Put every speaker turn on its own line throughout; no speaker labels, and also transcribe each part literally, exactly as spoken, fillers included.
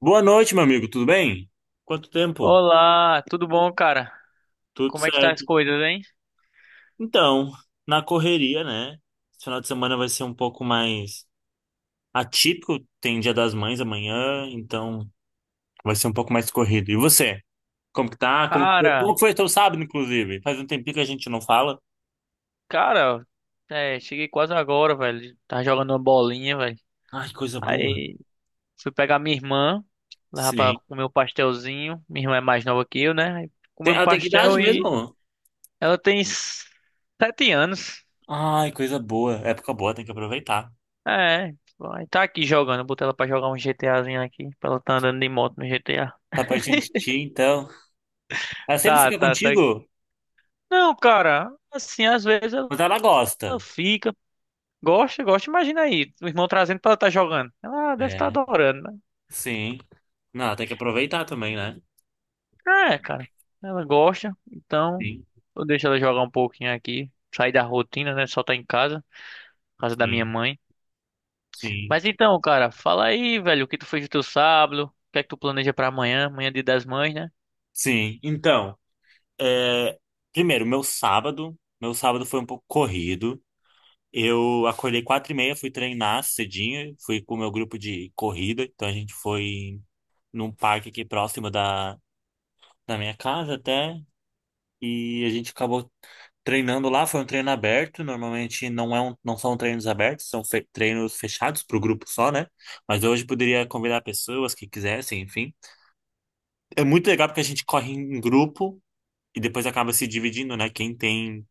Boa noite, meu amigo, tudo bem? Quanto tempo?
Olá, tudo bom, cara?
Tudo
Como é que tá as
certo.
coisas, hein?
Então, na correria, né? Esse final de semana vai ser um pouco mais atípico, tem Dia das Mães amanhã, então vai ser um pouco mais corrido. E você? Como que tá? Como que foi, como
Cara,
que foi teu sábado, inclusive? Faz um tempinho que a gente não fala.
cara, é, cheguei quase agora, velho. Tava jogando uma bolinha, velho.
Ai, coisa boa.
Aí fui pegar minha irmã, levar
Sim.
pra comer um pastelzinho. Minha irmã é mais nova que eu, né? Aí
Tem,
comi um
ela tem que idade
pastel e
mesmo?
ela tem s- sete anos.
Ai, coisa boa. Época boa, tem que aproveitar.
É, aí tá aqui jogando. Botei ela pra jogar um GTAzinho aqui, pra ela tá andando de moto no G T A.
Tá pertinho de ti, então. Ela sempre
Tá,
fica
tá, tá.
contigo,
Não, cara, assim, às vezes ela
mas ela
ela
gosta.
fica. Gosta, gosta. Imagina aí, o irmão trazendo pra ela estar jogando. Ela "Ah, deve estar
É.
adorando, né?"
Sim. Não, tem que aproveitar também, né?
É, cara. Ela gosta, então
Sim,
eu deixo ela jogar um pouquinho aqui. Sair da rotina, né? Só tá em casa, casa da minha
sim,
mãe.
sim.
Mas então, cara, fala aí, velho, o que tu fez no teu sábado? O que é que tu planeja pra amanhã? Amanhã é dia das mães, né?
Sim. Então, é, primeiro, meu sábado. Meu sábado foi um pouco corrido. Eu acordei quatro e meia, fui treinar cedinho, fui com o meu grupo de corrida. Então a gente foi num parque aqui próximo da, da minha casa até. E a gente acabou treinando lá. Foi um treino aberto, normalmente não é um, não são treinos abertos, são fe- treinos fechados para o grupo só, né? Mas hoje poderia convidar pessoas que quisessem, enfim. É muito legal porque a gente corre em grupo e depois acaba se dividindo, né? Quem tem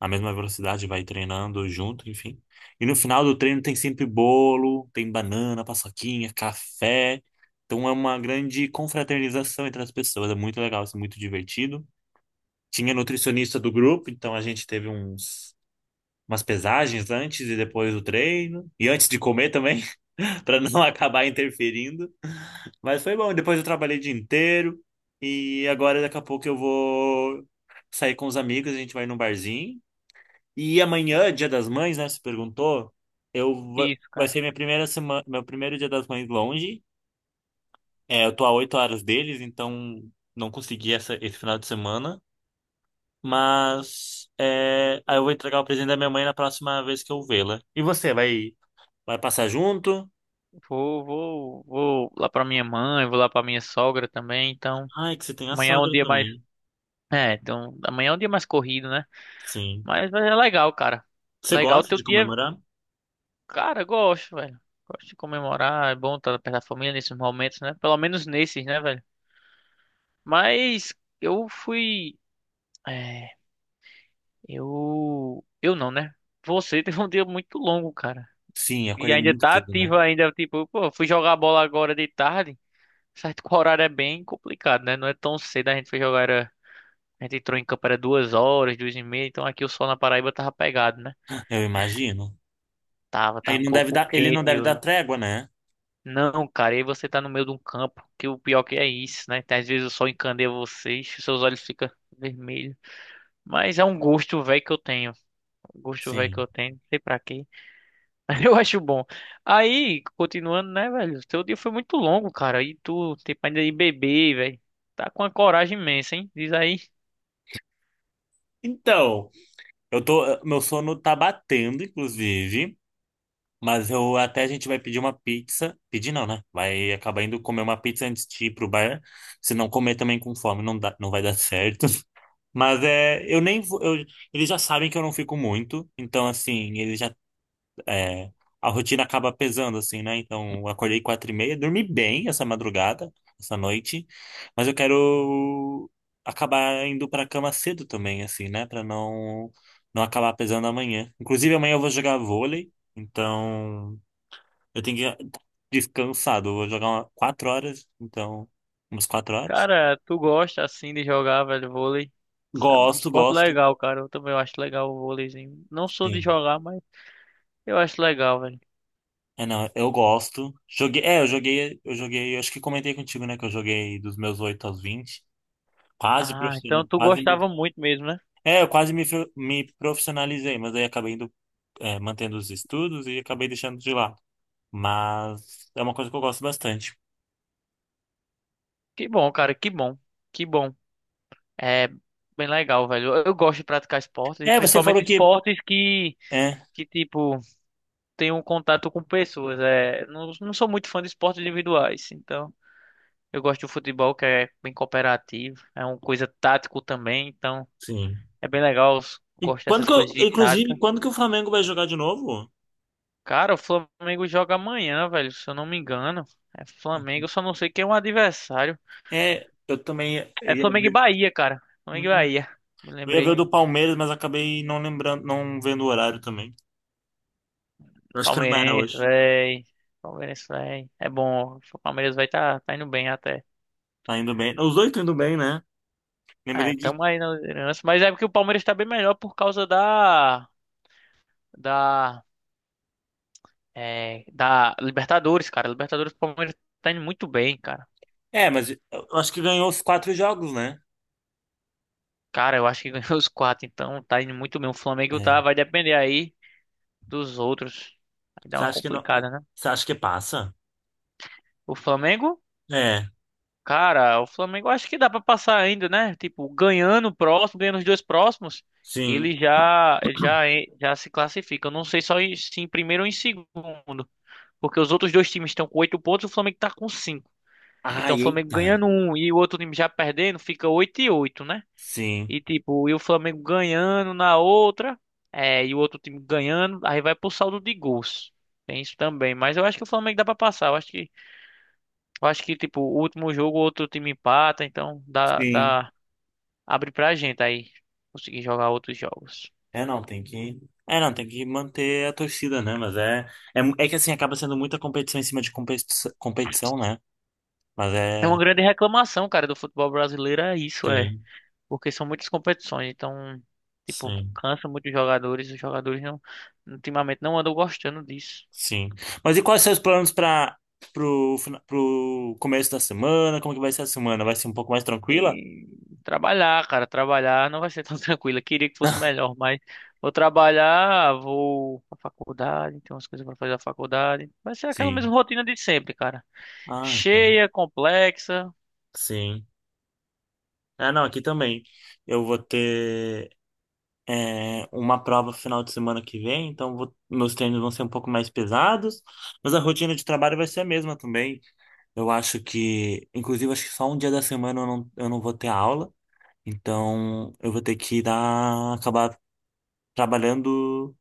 a mesma velocidade vai treinando junto, enfim. E no final do treino tem sempre bolo, tem banana, paçoquinha, café. Então é uma grande confraternização entre as pessoas. É muito legal, isso é muito divertido. Tinha nutricionista do grupo, então a gente teve uns, umas pesagens antes e depois do treino. E antes de comer também, para não acabar interferindo. Mas foi bom. Depois eu trabalhei o dia inteiro. E agora, daqui a pouco, eu vou sair com os amigos, a gente vai num barzinho. E amanhã, Dia das Mães, né? Você perguntou. Eu va-
Isso,
vai
cara.
ser minha primeira semana, meu primeiro Dia das Mães longe. É, eu tô a oito horas deles, então não consegui essa, esse final de semana. Mas é, aí eu vou entregar o presente da minha mãe na próxima vez que eu vê-la. E você, vai, vai passar junto?
Vou, vou, vou lá pra minha mãe, vou lá pra minha sogra também, então.
Ai, que você tem a
Amanhã é um
sogra
dia mais.
também.
É, então, amanhã é um dia mais corrido, né?
Sim.
Mas, mas é legal, cara.
Você
Legal,
gosta
teu
de
dia.
comemorar?
Cara, eu gosto, velho. Gosto de comemorar. É bom estar perto da família nesses momentos, né? Pelo menos nesses, né, velho? Mas eu fui. É, eu. Eu não, né? Você teve um dia muito longo, cara.
Sim,
E
acolher
ainda
muito
tá
cedo, né?
ativo ainda. Tipo, pô, fui jogar bola agora de tarde. Certo que o horário é bem complicado, né? Não é tão cedo. A gente foi jogar. Era... A gente entrou em campo era duas horas, duas e meia. Então aqui o sol na Paraíba tava pegado, né?
Eu imagino.
Tava, tava
Ele
um
não deve
pouco
dar, ele não
quente.
deve dar trégua, né?
Não, cara, e aí você tá no meio de um campo, que o pior que é isso, né? Às vezes o sol encandeia vocês, seus olhos ficam vermelhos. Mas é um gosto velho que eu tenho. Um gosto velho que
Sim.
eu tenho, não sei pra quê. Mas eu acho bom. Aí, continuando, né, velho? Seu dia foi muito longo, cara. E tu, tempo ainda de beber, velho. Tá com uma coragem imensa, hein? Diz aí.
Então, eu tô, meu sono tá batendo, inclusive, mas eu até a gente vai pedir uma pizza. Pedir não, né? Vai acabar indo comer uma pizza antes de ir pro bar. Se não comer também com fome, não dá, não vai dar certo. Mas é, eu nem vou, eu- eles já sabem que eu não fico muito, então assim, eles já, é, a rotina acaba pesando assim, né? Então, eu acordei quatro e meia, dormi bem essa madrugada, essa noite, mas eu quero acabar indo para cama cedo também, assim, né? Para não não acabar pesando amanhã. Inclusive amanhã eu vou jogar vôlei, então eu tenho que ir descansado, eu vou jogar uma, quatro horas, então umas quatro horas.
Cara, tu gosta assim de jogar, velho, vôlei? Isso. É um
Gosto,
esporte
gosto.
legal, cara. Eu também acho legal o vôleizinho. Não sou de
Sim.
jogar, mas eu acho legal, velho.
É, não, eu gosto. Joguei, é, eu joguei, eu joguei, eu acho que comentei contigo, né, que eu joguei dos meus oito aos vinte. Quase
Ah,
profissional,
então tu
quase
gostava
me,
muito mesmo, né?
é, Eu quase me, fro- me profissionalizei, mas aí acabei indo, é, mantendo os estudos e acabei deixando de lado. Mas é uma coisa que eu gosto bastante.
Que bom, cara, que bom. Que bom. É bem legal, velho. Eu eu gosto de praticar esportes, e
É, você
principalmente
falou que,
esportes que,
é,
que tipo, tem um contato com pessoas. É, não, não sou muito fã de esportes individuais, então eu gosto do futebol que é bem cooperativo, é uma coisa tático também, então
Sim.
é bem legal. Eu
E
gosto
quando
dessas
que eu,
coisas de tática.
inclusive, quando que o Flamengo vai jogar de novo?
Cara, o Flamengo joga amanhã, velho, se eu não me engano. É Flamengo, eu só não sei quem é o adversário.
É, eu também ia, eu
É
ia
Flamengo e
ver,
Bahia, cara. Flamengo e
hum,
Bahia. Me
eu ia ver o
lembrei.
do Palmeiras, mas acabei não lembrando, não vendo o horário também. Eu acho que não era
Palmeirense,
hoje.
véi. Palmeirense, véi. É bom. O Palmeiras vai tá, tá indo bem até.
Tá indo bem. Os dois estão indo bem, né?
É,
Lembrei de.
tamo aí na liderança. Mas é porque o Palmeiras tá bem melhor por causa da. Da. É, da Libertadores, cara. Libertadores, o Palmeiras tá indo muito bem, cara.
É, mas eu eu acho que ganhou os quatro jogos, né?
Cara, eu acho que ganhou os quatro, então tá indo muito bem. O Flamengo
É.
tá, vai depender aí dos outros. Vai dar
Você
uma
acha que não.
complicada, né?
Você acha que passa?
O Flamengo.
É,
Cara, o Flamengo acho que dá pra passar ainda, né? Tipo, ganhando o próximo, ganhando os dois próximos,
sim.
ele já ele já en- já se classifica. Eu não sei só em- se em primeiro ou em segundo, porque os outros dois times estão com oito pontos, o Flamengo tá com cinco. Então, o
Ai,
Flamengo
eita.
ganhando um e o outro time já perdendo, fica oito e oito, né?
Sim,
E tipo, e o Flamengo ganhando na outra, é, e o outro time ganhando, aí vai pro saldo de gols. Tem isso também, mas eu acho que o Flamengo dá pra passar. Eu acho que eu acho que, tipo, o último jogo, outro time empata, então dá,
sim.
dá, abre pra gente aí conseguir jogar outros jogos.
É, não, tem que. É, não, tem que manter a torcida, né? Mas é. É, mu- é que assim, acaba sendo muita competição em cima de competição, competição, né? Mas
É uma
é.
grande reclamação, cara, do futebol brasileiro, é isso, é.
Sim,
Porque são muitas competições, então, tipo,
sim,
cansa muito os jogadores, os jogadores não, ultimamente não andam gostando disso.
sim. Mas e quais são os planos para pro, fina- pro começo da semana? Como que vai ser a semana? Vai ser um pouco mais tranquila?
E trabalhar, cara, trabalhar não vai ser tão tranquilo. Eu queria que fosse melhor, mas vou trabalhar, vou pra faculdade, tem umas coisas pra fazer na faculdade. Vai ser aquela mesma
Sim.
rotina de sempre, cara,
Ah, então.
cheia, complexa.
Sim. É, não, aqui também. Eu vou ter é, uma prova final de semana que vem, então vou- meus treinos vão ser um pouco mais pesados, mas a rotina de trabalho vai ser a mesma também. Eu acho que, inclusive, acho que só um dia da semana eu não, eu não vou ter aula, então eu vou ter que dar, acabar trabalhando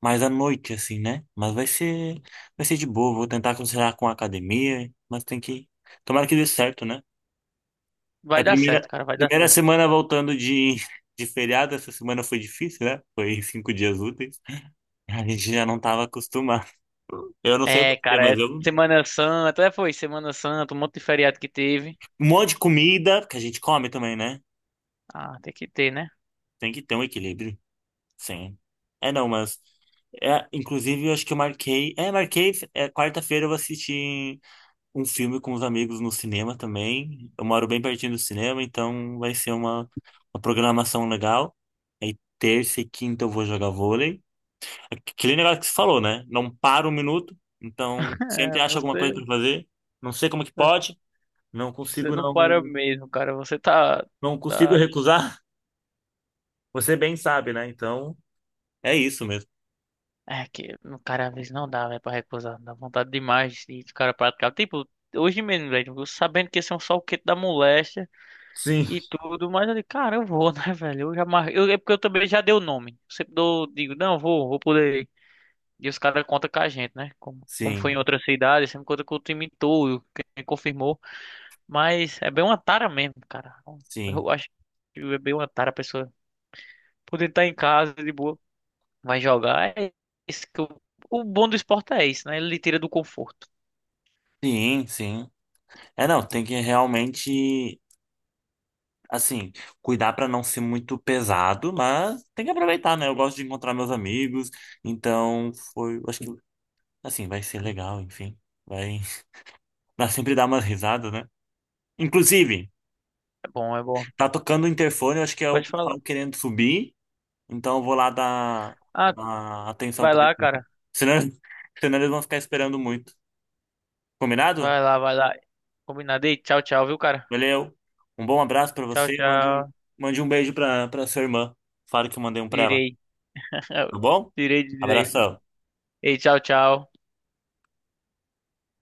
mais à noite, assim, né? Mas vai ser, vai ser de boa, vou tentar conciliar com a academia, mas tem que. Tomara que dê certo, né? É a
Vai dar certo,
primeira,
cara, vai dar
primeira
certo.
semana voltando de, de feriado, essa semana foi difícil, né? Foi cinco dias úteis. A gente já não estava acostumado. Eu não sei
É,
você,
cara,
mas
é
eu.
Semana Santa, é, foi Semana Santa, um monte de feriado que teve.
Um monte de comida, que a gente come também, né?
Ah, tem que ter, né?
Tem que ter um equilíbrio. Sim. É, não, mas. É, inclusive, eu acho que eu marquei. É, marquei. É, quarta-feira eu vou assistir um filme com os amigos no cinema também. Eu moro bem pertinho do cinema, então vai ser uma, uma programação legal. Aí, terça e quinta eu vou jogar vôlei. Aquele negócio que você falou, né? Não para um minuto, então sempre
É,
acha alguma coisa
você,
para fazer. Não sei como que pode, não
você
consigo
não
não,
para mesmo, cara. Você tá,
não consigo
tá...
recusar. Você bem sabe, né? Então é isso mesmo.
É que, no cara, às vezes não dá, velho, pra recusar. Dá vontade demais de de cara praticar. Tipo, hoje mesmo, velho, eu sabendo que ia ser um sol quente da moléstia
Sim,
e tudo, mas eu digo, cara, eu vou, né, velho? Eu já mar... eu, é porque eu também já dei o nome. Eu sempre dou, digo, não, vou, vou poder. E os caras contam com a gente, né? Como, como foi
sim,
em outra cidade, sempre conta com o time todo, quem confirmou. Mas é bem uma tara mesmo, cara.
sim,
Eu acho que é bem uma tara a pessoa poder estar em casa de boa, vai jogar. É isso que o, o bom do esporte é isso, né? Ele lhe tira do conforto.
sim, sim. É, não, tem que realmente, assim, cuidar para não ser muito pesado, mas tem que aproveitar, né? Eu gosto de encontrar meus amigos, então foi, acho que, assim, vai ser legal, enfim. Vai, vai sempre dar umas risadas, né? Inclusive.
É bom, é bom.
Tá tocando o interfone, eu acho que é
Pode
o
falar.
pessoal querendo subir, então eu vou lá dar,
Ah,
dar atenção
vai
para
lá,
eles.
cara.
Senão, senão eles vão ficar esperando muito. Combinado?
Vai lá, vai lá. Combinado. Ei, tchau, tchau, viu, cara?
Valeu. Um bom abraço para
Tchau,
você. Mande um,
tchau.
mande um beijo para para sua irmã. Fala que eu mandei um para ela,
Irei.
tá bom?
Irei dizer.
Abração.
Ei, tchau, tchau.